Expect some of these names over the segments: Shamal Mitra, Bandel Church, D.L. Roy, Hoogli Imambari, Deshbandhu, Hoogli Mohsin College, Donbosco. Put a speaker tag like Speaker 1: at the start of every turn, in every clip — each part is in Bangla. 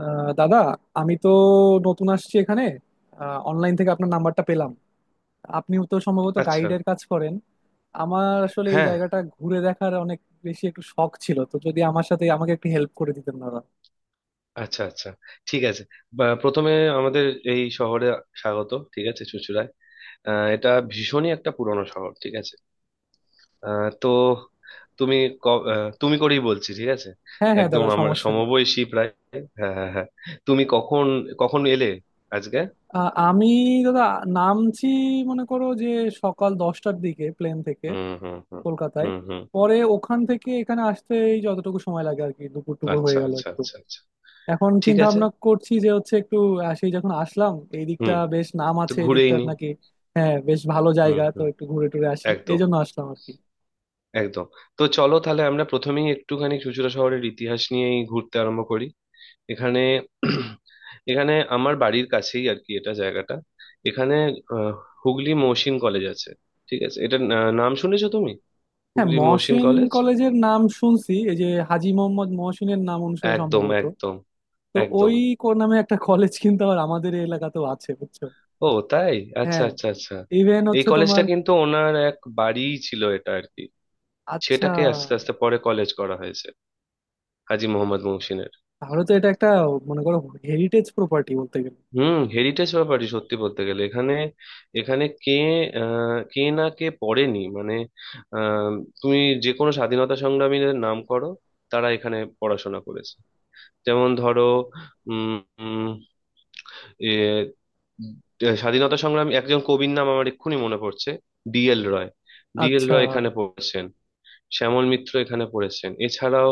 Speaker 1: দাদা, আমি তো নতুন আসছি এখানে। অনলাইন থেকে আপনার নাম্বারটা পেলাম। আপনিও তো সম্ভবত
Speaker 2: আচ্ছা,
Speaker 1: গাইডের কাজ করেন। আমার আসলে এই
Speaker 2: হ্যাঁ,
Speaker 1: জায়গাটা ঘুরে দেখার অনেক বেশি একটু শখ ছিল, তো যদি আমার সাথে আমাকে একটু হেল্প করে দিতেন দাদা।
Speaker 2: আচ্ছা আচ্ছা, ঠিক আছে। বা প্রথমে আমাদের এই শহরে স্বাগত, ঠিক আছে, চুঁচুড়ায়। এটা ভীষণই একটা পুরনো শহর, ঠিক আছে। তো তুমি তুমি করেই বলছি, ঠিক আছে।
Speaker 1: হ্যাঁ হ্যাঁ
Speaker 2: একদম
Speaker 1: দাদা,
Speaker 2: আমার
Speaker 1: সমস্যা নেই।
Speaker 2: সমবয়সী প্রায়। হ্যাঁ হ্যাঁ হ্যাঁ। তুমি কখন কখন এলে আজকে?
Speaker 1: আমি দাদা নামছি, মনে করো যে সকাল 10টার দিকে প্লেন থেকে
Speaker 2: হুম হুম হুম,
Speaker 1: কলকাতায়।
Speaker 2: হুম হুম,
Speaker 1: পরে ওখান থেকে এখানে আসতে এই যতটুকু সময় লাগে আর কি, দুপুর টুপুর হয়ে
Speaker 2: আচ্ছা
Speaker 1: গেল
Speaker 2: আচ্ছা
Speaker 1: একটু।
Speaker 2: আচ্ছা আচ্ছা,
Speaker 1: এখন
Speaker 2: ঠিক
Speaker 1: চিন্তা
Speaker 2: আছে।
Speaker 1: ভাবনা করছি যে হচ্ছে একটু, সেই যখন আসলাম এই দিকটা
Speaker 2: হুম,
Speaker 1: বেশ নাম
Speaker 2: তো
Speaker 1: আছে এই
Speaker 2: ঘুরেই
Speaker 1: দিকটার
Speaker 2: নি।
Speaker 1: নাকি। হ্যাঁ বেশ ভালো
Speaker 2: হুম
Speaker 1: জায়গা, তো
Speaker 2: হুম,
Speaker 1: একটু ঘুরে টুরে আসি, এই
Speaker 2: একদম,
Speaker 1: জন্য আসলাম আর কি।
Speaker 2: একদম। তো চলো তাহলে আমরা প্রথমেই একটুখানি চুঁচুড়া শহরের ইতিহাস নিয়েই ঘুরতে আরম্ভ করি। এখানে, এখানে আমার বাড়ির কাছেই আর কি এটা জায়গাটা। এখানে আহ, হুগলি মহসিন কলেজ আছে, ঠিক আছে এটা। নাম শুনেছো তুমি,
Speaker 1: হ্যাঁ,
Speaker 2: হুগলি মহসিন
Speaker 1: মহসিন
Speaker 2: কলেজ?
Speaker 1: কলেজের নাম শুনছি, এই যে হাজী মোহাম্মদ মহসিনের নাম অনুসারে
Speaker 2: একদম,
Speaker 1: সম্ভবত।
Speaker 2: একদম,
Speaker 1: তো
Speaker 2: একদম।
Speaker 1: ওই কোন নামে একটা কলেজ কিন্তু আবার আমাদের এই এলাকাতেও আছে, বুঝছো।
Speaker 2: ও তাই? আচ্ছা
Speaker 1: হ্যাঁ,
Speaker 2: আচ্ছা আচ্ছা।
Speaker 1: ইভেন
Speaker 2: এই
Speaker 1: হচ্ছে তোমার।
Speaker 2: কলেজটা কিন্তু ওনার এক বাড়িই ছিল এটা আর কি।
Speaker 1: আচ্ছা,
Speaker 2: সেটাকে আস্তে আস্তে পরে কলেজ করা হয়েছে, হাজী মোহাম্মদ মহসিনের।
Speaker 1: তাহলে তো এটা একটা, মনে করো, হেরিটেজ প্রপার্টি বলতে গেলে।
Speaker 2: হুম, হেরিটেজ ব্যাপারই সত্যি বলতে গেলে। এখানে, এখানে কে কে না কে পড়েনি, মানে আহ, তুমি যে কোনো স্বাধীনতা সংগ্রামীদের নাম করো, তারা এখানে পড়াশোনা করেছে। যেমন ধরো, উম উম, এ, স্বাধীনতা সংগ্রামী একজন কবির নাম আমার এক্ষুনি মনে পড়ছে, ডিএল রয়। ডিএল
Speaker 1: আচ্ছা
Speaker 2: রয় এখানে পড়েছেন, শ্যামল মিত্র এখানে পড়েছেন। এছাড়াও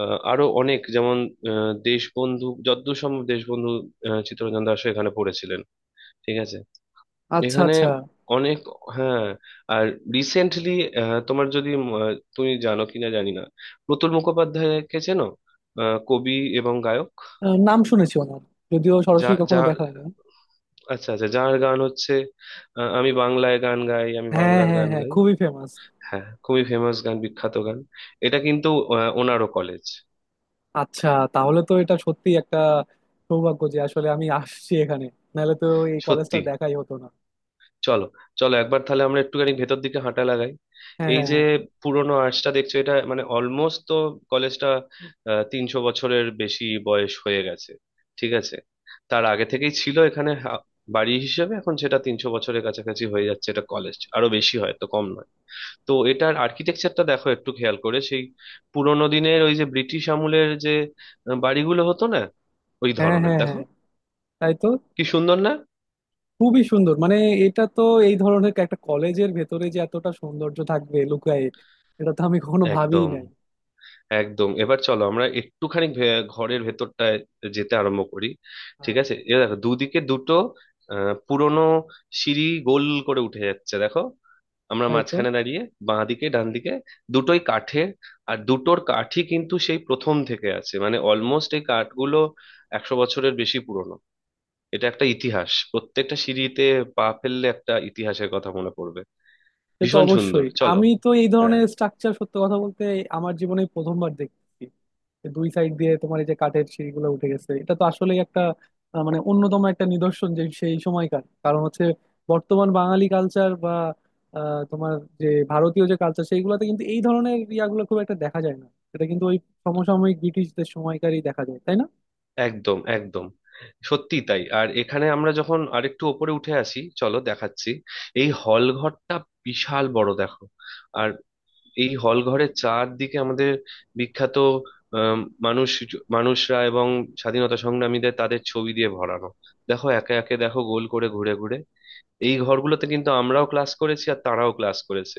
Speaker 2: আরো অনেক, যেমন দেশবন্ধু, যদ্দূর সম্ভব দেশবন্ধু চিত্তরঞ্জন দাশও এখানে পড়েছিলেন, ঠিক আছে।
Speaker 1: আচ্ছা
Speaker 2: এখানে
Speaker 1: আচ্ছা।
Speaker 2: অনেক, হ্যাঁ। আর রিসেন্টলি তোমার, যদি তুমি জানো কিনা জানি না, প্রতুল মুখোপাধ্যায়কে চেনো? কবি এবং গায়ক।
Speaker 1: নাম শুনেছি ওনার, যদিও
Speaker 2: যা
Speaker 1: সরাসরি কখনো
Speaker 2: যা,
Speaker 1: দেখা হয়নি।
Speaker 2: আচ্ছা আচ্ছা, যার গান হচ্ছে আমি বাংলায় গান গাই, আমি
Speaker 1: হ্যাঁ
Speaker 2: বাংলার
Speaker 1: হ্যাঁ
Speaker 2: গান
Speaker 1: হ্যাঁ,
Speaker 2: গাই।
Speaker 1: খুবই ফেমাস।
Speaker 2: হ্যাঁ, খুবই ফেমাস গান, বিখ্যাত গান। এটা কিন্তু ওনারও কলেজ।
Speaker 1: আচ্ছা, তাহলে তো এটা সত্যি একটা সৌভাগ্য যে আসলে আমি আসছি এখানে, নাহলে তো এই কলেজটা
Speaker 2: সত্যি।
Speaker 1: দেখাই হতো না।
Speaker 2: চলো, চলো একবার তাহলে আমরা একটুখানি ভেতর দিকে হাঁটা লাগাই।
Speaker 1: হ্যাঁ
Speaker 2: এই যে
Speaker 1: হ্যাঁ
Speaker 2: পুরোনো আর্চটা দেখছো, এটা মানে অলমোস্ট তো, কলেজটা 300 বছরের বেশি বয়স হয়ে গেছে, ঠিক আছে। তার আগে থেকেই ছিল এখানে বাড়ি হিসেবে। এখন সেটা 300 বছরের কাছাকাছি হয়ে যাচ্ছে, এটা কলেজ, আরো বেশি হয় তো কম নয়। তো এটার আর্কিটেকচারটা দেখো একটু খেয়াল করে, সেই পুরোনো দিনের ওই যে ব্রিটিশ আমলের যে বাড়িগুলো হতো না, ওই
Speaker 1: হ্যাঁ
Speaker 2: ধরনের
Speaker 1: হ্যাঁ, হ্যাঁ
Speaker 2: দেখো।
Speaker 1: হ্যাঁ, তাই তো।
Speaker 2: কি সুন্দর না!
Speaker 1: খুবই সুন্দর, মানে এটা তো, এই ধরনের একটা কলেজের ভেতরে যে এতটা সৌন্দর্য থাকবে লুকায়ে, এটা তো আমি কখনো ভাবিই
Speaker 2: একদম,
Speaker 1: নাই।
Speaker 2: একদম। এবার চলো আমরা একটুখানি ঘরের ভেতরটায় যেতে আরম্ভ করি।
Speaker 1: আহ,
Speaker 2: ঠিক আছে, এ দেখো দুদিকে দুটো পুরোনো সিঁড়ি গোল করে উঠে যাচ্ছে, দেখো। আমরা
Speaker 1: তাই তো।
Speaker 2: মাঝখানে দাঁড়িয়ে, বাঁ দিকে ডান দিকে দুটোই কাঠের। আর দুটোর কাঠই কিন্তু সেই প্রথম থেকে আছে, মানে অলমোস্ট এই কাঠগুলো 100 বছরের বেশি পুরনো। এটা একটা ইতিহাস, প্রত্যেকটা সিঁড়িতে পা ফেললে একটা ইতিহাসের কথা মনে পড়বে।
Speaker 1: সে তো
Speaker 2: ভীষণ সুন্দর,
Speaker 1: অবশ্যই,
Speaker 2: চলো।
Speaker 1: আমি তো এই
Speaker 2: হ্যাঁ,
Speaker 1: ধরনের স্ট্রাকচার সত্য কথা বলতে আমার জীবনে প্রথমবার দেখছি। যে দুই সাইড দিয়ে তোমার এই যে কাঠের সিঁড়িগুলো উঠে গেছে, এটা তো আসলেই একটা মানে অন্যতম একটা নিদর্শন যে সেই সময়কার, কারণ হচ্ছে বর্তমান বাঙালি কালচার বা তোমার যে ভারতীয় যে কালচার সেইগুলোতে কিন্তু এই ধরনের ইয়াগুলো খুব একটা দেখা যায় না। এটা কিন্তু ওই সমসাময়িক ব্রিটিশদের সময়কারই দেখা যায়, তাই না।
Speaker 2: একদম, একদম। সত্যি তাই। আর এখানে আমরা যখন আরেকটু ওপরে উঠে আসি, চলো দেখাচ্ছি, এই হল ঘরটা, বিশাল বড় দেখো। আর এই হল ঘরের চারদিকে আমাদের বিখ্যাত আম, মানুষ, মানুষরা এবং স্বাধীনতা সংগ্রামীদের তাদের ছবি দিয়ে ভরানো। দেখো একে একে দেখো, গোল করে ঘুরে ঘুরে। এই ঘরগুলোতে কিন্তু আমরাও ক্লাস করেছি, আর তারাও ক্লাস করেছে।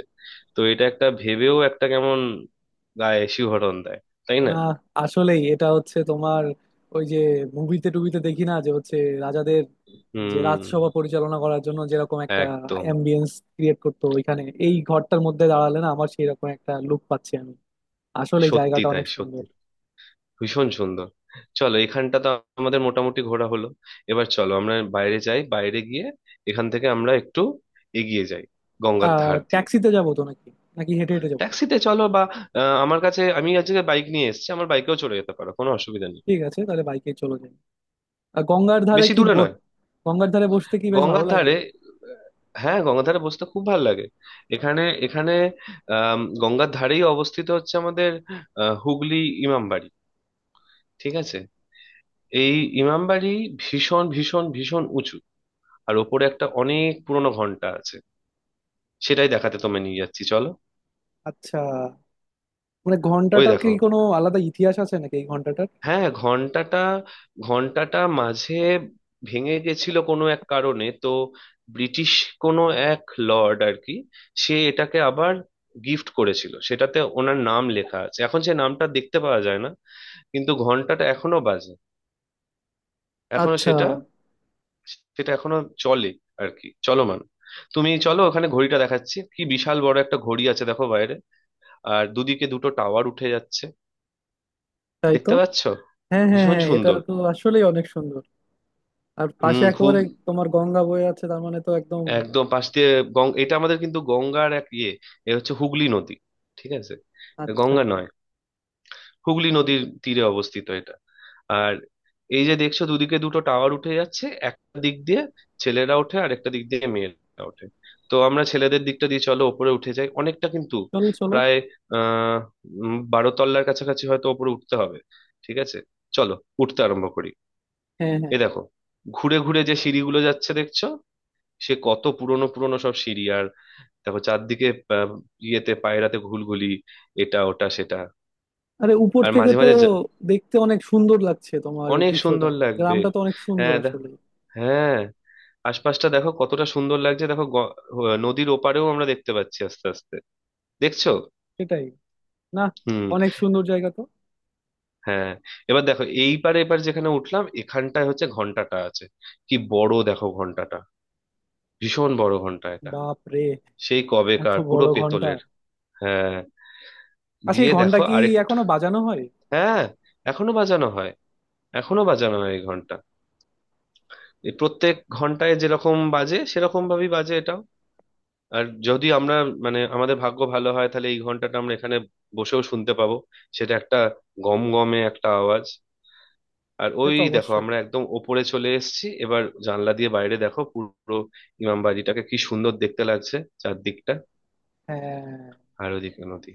Speaker 2: তো এটা একটা ভেবেও একটা কেমন গায়ে শিহরণ দেয়, তাই না?
Speaker 1: না, আসলেই এটা হচ্ছে তোমার, ওই যে মুভিতে টুবিতে দেখি না যে হচ্ছে রাজাদের, যে
Speaker 2: হুম,
Speaker 1: রাজসভা পরিচালনা করার জন্য যেরকম একটা
Speaker 2: একদম।
Speaker 1: অ্যাম্বিয়েন্স ক্রিয়েট করতো ওইখানে, এই ঘরটার মধ্যে দাঁড়ালে না আমার সেই রকম একটা লুক পাচ্ছি আমি। আসলে
Speaker 2: সত্যি
Speaker 1: জায়গাটা
Speaker 2: তাই,
Speaker 1: অনেক
Speaker 2: সত্যি
Speaker 1: সুন্দর।
Speaker 2: ভীষণ সুন্দর। চলো, এখানটা তো আমাদের মোটামুটি ঘোরা হলো। এবার চলো আমরা বাইরে যাই, বাইরে গিয়ে এখান থেকে আমরা একটু এগিয়ে যাই গঙ্গার
Speaker 1: আহ
Speaker 2: ধার দিয়ে।
Speaker 1: ট্যাক্সিতে যাবো তো নাকি, নাকি হেঁটে হেঁটে যাবো।
Speaker 2: ট্যাক্সিতে চলো। বা আমার কাছে, আমি আজকে বাইক নিয়ে এসেছি, আমার বাইকেও চলে যেতে পারো, কোনো অসুবিধা নেই।
Speaker 1: ঠিক আছে, তাহলে বাইকে চলে যাই। আর গঙ্গার ধারে
Speaker 2: বেশি
Speaker 1: কি
Speaker 2: দূরে
Speaker 1: ব-
Speaker 2: নয়।
Speaker 1: গঙ্গার ধারে বসতে কি বেশ ভালো
Speaker 2: গঙ্গার
Speaker 1: লাগে।
Speaker 2: ধারে, হ্যাঁ গঙ্গার ধারে বসতে খুব ভালো লাগে। এখানে, এখানে আহ, গঙ্গার ধারেই অবস্থিত হচ্ছে আমাদের আহ, হুগলি ইমামবাড়ি, ঠিক আছে। এই ইমামবাড়ি ভীষণ ভীষণ ভীষণ উঁচু, আর ওপরে একটা অনেক পুরনো ঘন্টা আছে। সেটাই দেখাতে তোমায় নিয়ে যাচ্ছি, চলো।
Speaker 1: আচ্ছা, মানে
Speaker 2: ওই
Speaker 1: ঘন্টাটার কি
Speaker 2: দেখো,
Speaker 1: কোনো আলাদা ইতিহাস আছে নাকি এই ঘন্টাটার।
Speaker 2: হ্যাঁ, ঘন্টাটা, ঘন্টাটা মাঝে ভেঙে গেছিল কোনো এক কারণে, তো ব্রিটিশ কোনো এক লর্ড আর কি, সে এটাকে আবার গিফট করেছিল, সেটাতে ওনার নাম লেখা আছে। এখন সে নামটা দেখতে পাওয়া যায় না, কিন্তু ঘন্টাটা এখনো বাজে। এখনো
Speaker 1: আচ্ছা।
Speaker 2: সেটা, সেটা এখনো চলে আর কি, চলমান। তুমি চলো ওখানে, ঘড়িটা দেখাচ্ছি। কি বিশাল বড় একটা ঘড়ি আছে দেখো বাইরে, আর দুদিকে দুটো টাওয়ার উঠে যাচ্ছে।
Speaker 1: তাই তো।
Speaker 2: দেখতে পাচ্ছ?
Speaker 1: হ্যাঁ হ্যাঁ
Speaker 2: ভীষণ
Speaker 1: হ্যাঁ, এটা
Speaker 2: সুন্দর।
Speaker 1: তো আসলেই অনেক সুন্দর। আর পাশে
Speaker 2: হুম, খুব।
Speaker 1: একেবারে তোমার গঙ্গা বয়ে আছে, তার মানে তো একদম।
Speaker 2: একদম পাশ দিয়ে। গং, এটা আমাদের কিন্তু গঙ্গার এক ইয়ে, এ হচ্ছে হুগলি নদী, ঠিক আছে,
Speaker 1: আচ্ছা।
Speaker 2: গঙ্গা নয়। হুগলি নদীর তীরে অবস্থিত এটা। আর এই যে দেখছো দুদিকে দুটো টাওয়ার উঠে যাচ্ছে, একটা দিক দিয়ে ছেলেরা ওঠে আর একটা দিক দিয়ে মেয়েরা ওঠে। তো আমরা ছেলেদের দিকটা দিয়ে চলো ওপরে উঠে যাই, অনেকটা কিন্তু,
Speaker 1: চলো চলো।
Speaker 2: প্রায় আহ 12 তলার কাছাকাছি হয়তো ওপরে উঠতে হবে, ঠিক আছে। চলো, উঠতে আরম্ভ করি।
Speaker 1: হ্যাঁ হ্যাঁ।
Speaker 2: এ দেখো, ঘুরে ঘুরে যে সিঁড়িগুলো যাচ্ছে দেখছো, সে কত পুরনো পুরনো সব সিঁড়ি। আর দেখো চারদিকে আহ, ইয়েতে পায়রাতে ঘুলঘুলি, এটা ওটা সেটা।
Speaker 1: আরে উপর
Speaker 2: আর
Speaker 1: থেকে
Speaker 2: মাঝে
Speaker 1: তো
Speaker 2: মাঝে
Speaker 1: দেখতে অনেক সুন্দর লাগছে তোমার এই
Speaker 2: অনেক
Speaker 1: দৃশ্যটা।
Speaker 2: সুন্দর লাগবে।
Speaker 1: গ্রামটা তো অনেক সুন্দর
Speaker 2: হ্যাঁ
Speaker 1: আসলে।
Speaker 2: হ্যাঁ, আশপাশটা দেখো কতটা সুন্দর লাগছে, দেখো নদীর ওপারেও আমরা দেখতে পাচ্ছি আস্তে আস্তে, দেখছো?
Speaker 1: সেটাই। না,
Speaker 2: হুম,
Speaker 1: অনেক সুন্দর জায়গা তো।
Speaker 2: হ্যাঁ। এবার দেখো এইবারে, এবার যেখানে উঠলাম এখানটায় হচ্ছে ঘন্টাটা আছে, কি বড় দেখো ঘন্টাটা, ভীষণ বড় ঘন্টা এটা,
Speaker 1: বাপ রে,
Speaker 2: সেই
Speaker 1: এত
Speaker 2: কবেকার, পুরো
Speaker 1: বড় ঘন্টা।
Speaker 2: পেতলের। হ্যাঁ,
Speaker 1: আচ্ছা, এই
Speaker 2: দিয়ে
Speaker 1: ঘন্টা
Speaker 2: দেখো
Speaker 1: কি
Speaker 2: আরেকটু।
Speaker 1: এখনো বাজানো হয়।
Speaker 2: হ্যাঁ, এখনো বাজানো হয়, এখনো বাজানো হয় এই ঘন্টা। এই প্রত্যেক ঘন্টায় যেরকম বাজে, সেরকম ভাবেই বাজে এটাও। আর যদি আমরা, মানে আমাদের ভাগ্য ভালো হয়, তাহলে এই ঘন্টাটা আমরা এখানে বসেও শুনতে পাবো। সেটা একটা গম গমে একটা আওয়াজ। আর
Speaker 1: সে
Speaker 2: ওই
Speaker 1: তো
Speaker 2: দেখো,
Speaker 1: অবশ্যই।
Speaker 2: আমরা একদম ওপরে চলে এসেছি, এবার জানলা দিয়ে বাইরে দেখো পুরো ইমামবাড়িটাকে কি সুন্দর দেখতে লাগছে, চারদিকটা।
Speaker 1: হ্যাঁ।
Speaker 2: আর ওদিকে নদী।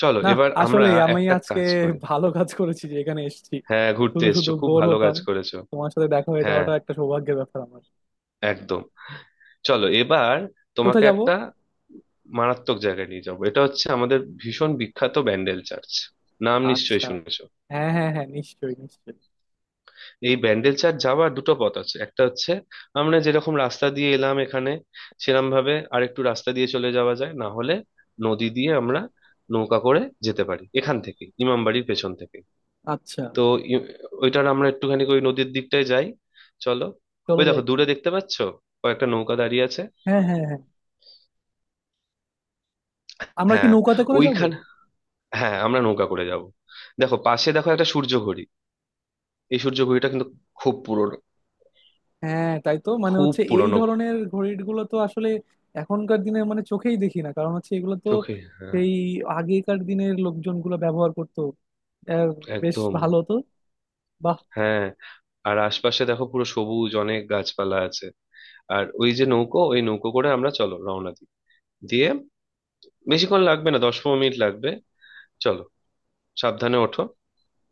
Speaker 2: চলো,
Speaker 1: না,
Speaker 2: এবার আমরা
Speaker 1: আসলে আমি
Speaker 2: একটা
Speaker 1: আজকে
Speaker 2: কাজ করি।
Speaker 1: ভালো কাজ করেছি যে এখানে এসেছি,
Speaker 2: হ্যাঁ, ঘুরতে
Speaker 1: শুধু শুধু
Speaker 2: এসছো, খুব
Speaker 1: বোর
Speaker 2: ভালো
Speaker 1: হতাম।
Speaker 2: কাজ করেছো।
Speaker 1: তোমার সাথে দেখা হয়ে
Speaker 2: হ্যাঁ,
Speaker 1: যাওয়াটা একটা সৌভাগ্যের ব্যাপার আমার।
Speaker 2: একদম। চলো এবার
Speaker 1: কোথায়
Speaker 2: তোমাকে
Speaker 1: যাব।
Speaker 2: একটা মারাত্মক জায়গায় নিয়ে যাবো, এটা হচ্ছে আমাদের ভীষণ বিখ্যাত ব্যান্ডেল চার্চ, নাম নিশ্চয়ই
Speaker 1: আচ্ছা।
Speaker 2: শুনেছো।
Speaker 1: হ্যাঁ হ্যাঁ হ্যাঁ, নিশ্চয়ই নিশ্চয়ই।
Speaker 2: এই ব্যান্ডেল চার্চ যাওয়ার দুটো পথ আছে। একটা হচ্ছে আমরা যেরকম রাস্তা দিয়ে এলাম এখানে, সেরকম ভাবে আরেকটু রাস্তা দিয়ে চলে যাওয়া যায়, না হলে নদী দিয়ে আমরা নৌকা করে যেতে পারি, এখান থেকে ইমামবাড়ির পেছন থেকে।
Speaker 1: আচ্ছা,
Speaker 2: তো ই- ওইটার, আমরা একটুখানি ওই নদীর দিকটায় যাই, চলো।
Speaker 1: চলো
Speaker 2: ওই
Speaker 1: যাই।
Speaker 2: দেখো দূরে দেখতে পাচ্ছো, কয়েকটা নৌকা দাঁড়িয়ে আছে।
Speaker 1: হ্যাঁ হ্যাঁ হ্যাঁ, আমরা কি
Speaker 2: হ্যাঁ,
Speaker 1: নৌকাতে করে যাব।
Speaker 2: ওইখান, হ্যাঁ আমরা নৌকা করে যাব। দেখো পাশে দেখো, একটা সূর্য ঘড়ি। এই সূর্য ঘড়িটা কিন্তু খুব পুরনো,
Speaker 1: হ্যাঁ তাই তো, মানে
Speaker 2: খুব
Speaker 1: হচ্ছে এই
Speaker 2: পুরনো।
Speaker 1: ধরনের ঘড়ির গুলো তো আসলে এখনকার দিনে মানে চোখেই দেখি না, কারণ হচ্ছে এগুলো তো
Speaker 2: চোখে, হ্যাঁ,
Speaker 1: সেই আগেকার দিনের লোকজনগুলো ব্যবহার করতো। আহ, বেশ
Speaker 2: একদম।
Speaker 1: ভালো তো, বাহ।
Speaker 2: হ্যাঁ। আর আশপাশে দেখো, পুরো সবুজ, অনেক গাছপালা আছে। আর ওই যে নৌকো, ওই নৌকো করে আমরা চলো রওনা দিই। দিয়ে, বেশিক্ষণ লাগবে না, 10-15 মিনিট লাগবে। চলো, সাবধানে ওঠো।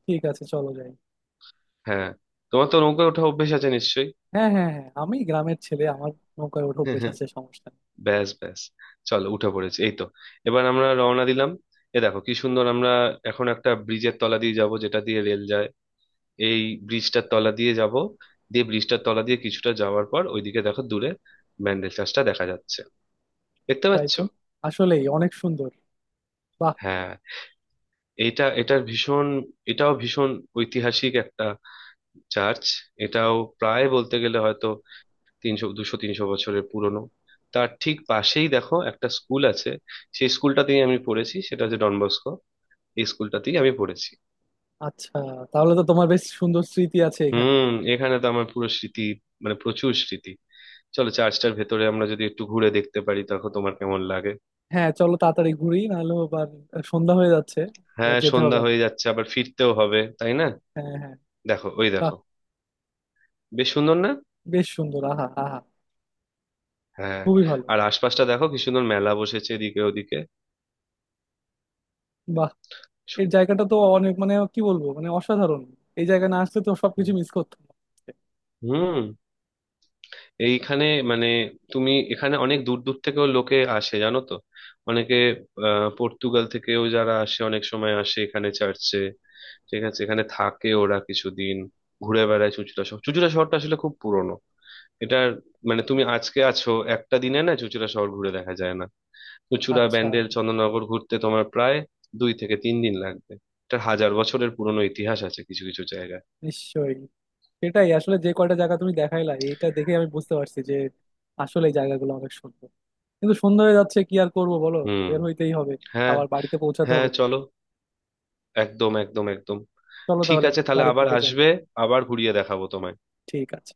Speaker 1: ঠিক আছে, চলো যাই।
Speaker 2: হ্যাঁ, তোমার তো নৌকা ওঠা অভ্যেস আছে নিশ্চয়ই।
Speaker 1: হ্যাঁ হ্যাঁ হ্যাঁ, আমি গ্রামের ছেলে, আমার নৌকায় ওঠো বেশ আছে, সমস্যা নেই।
Speaker 2: ব্যাস ব্যাস, চলো উঠে পড়েছি, এই তো। এবার আমরা রওনা দিলাম। এ দেখো, কি সুন্দর! আমরা এখন একটা ব্রিজের তলা দিয়ে যাব, যেটা দিয়ে রেল যায়, এই ব্রিজটার তলা দিয়ে যাব। দিয়ে ব্রিজটার তলা দিয়ে কিছুটা যাওয়ার পর, ওইদিকে দেখো দূরে, ব্যান্ডেল চার্চটা দেখা যাচ্ছে, দেখতে
Speaker 1: তাই
Speaker 2: পাচ্ছ?
Speaker 1: তো, আসলেই অনেক সুন্দর, বাহ।
Speaker 2: হ্যাঁ, এটা এটার ভীষণ, এটাও ভীষণ ঐতিহাসিক একটা চার্চ। এটাও প্রায় বলতে গেলে হয়তো 300, 200-300 বছরের পুরনো। তার ঠিক পাশেই দেখো একটা স্কুল আছে, সেই স্কুলটাতেই আমি পড়েছি, সেটা হচ্ছে ডনবস্কো, এই স্কুলটাতেই আমি পড়েছি।
Speaker 1: আচ্ছা, তাহলে তো তোমার বেশ সুন্দর স্মৃতি আছে এখানে।
Speaker 2: হুম, এখানে তো আমার পুরো স্মৃতি, মানে প্রচুর স্মৃতি। চলো, চার্চটার ভেতরে আমরা যদি একটু ঘুরে দেখতে পারি, তখন তোমার কেমন লাগে।
Speaker 1: হ্যাঁ চলো তাড়াতাড়ি ঘুরি, নাহলে আবার সন্ধ্যা হয়ে যাচ্ছে। আবার
Speaker 2: হ্যাঁ,
Speaker 1: যেতে হবে
Speaker 2: সন্ধ্যা
Speaker 1: আমার।
Speaker 2: হয়ে যাচ্ছে, আবার ফিরতেও হবে, তাই না।
Speaker 1: হ্যাঁ হ্যাঁ।
Speaker 2: দেখো, ওই
Speaker 1: বাহ,
Speaker 2: দেখো, বেশ সুন্দর না?
Speaker 1: বেশ সুন্দর, আহা আহা।
Speaker 2: হ্যাঁ।
Speaker 1: খুবই ভালো।
Speaker 2: আর আশপাশটা দেখো, কি সুন্দর মেলা বসেছে এদিকে ওদিকে।
Speaker 1: বাহ, এর জায়গাটা তো অনেক, মানে কি বলবো, মানে অসাধারণ। এই জায়গায় না আসলে তো
Speaker 2: হুম,
Speaker 1: সবকিছু মিস করতাম।
Speaker 2: হুম, এইখানে, মানে তুমি, এখানে অনেক দূর দূর থেকেও লোকে আসে, জানো তো। অনেকে আহ, পর্তুগাল থেকেও যারা আসে অনেক সময়, আসে এখানে চার্চে, ঠিক আছে। এখানে থাকে ওরা কিছুদিন, ঘুরে বেড়ায় চুঁচুড়া শহর। চুঁচুড়া শহরটা আসলে খুব পুরনো। এটার, মানে তুমি আজকে আছো একটা দিনে, না, চুঁচুড়া শহর ঘুরে দেখা যায় না। চুঁচুড়া
Speaker 1: আচ্ছা।
Speaker 2: ব্যান্ডেল চন্দননগর ঘুরতে তোমার প্রায় 2-3 দিন লাগবে। এটার হাজার বছরের পুরনো ইতিহাস আছে কিছু কিছু জায়গায়।
Speaker 1: নিশ্চয়ই, সেটাই আসলে। যে কয়টা জায়গা তুমি দেখাইলা, এটা দেখে আমি বুঝতে পারছি যে আসলে এই জায়গাগুলো অনেক সুন্দর। কিন্তু সন্ধ্যা হয়ে যাচ্ছে, কি আর করবো বলো,
Speaker 2: হুম,
Speaker 1: বের হইতেই হবে।
Speaker 2: হ্যাঁ
Speaker 1: আবার বাড়িতে পৌঁছাতে
Speaker 2: হ্যাঁ,
Speaker 1: হবে।
Speaker 2: চলো, একদম একদম একদম।
Speaker 1: চলো
Speaker 2: ঠিক
Speaker 1: তাহলে
Speaker 2: আছে, তাহলে
Speaker 1: বাড়ির
Speaker 2: আবার
Speaker 1: দিকে যাই।
Speaker 2: আসবে, আবার ঘুরিয়ে দেখাবো তোমায়।
Speaker 1: ঠিক আছে।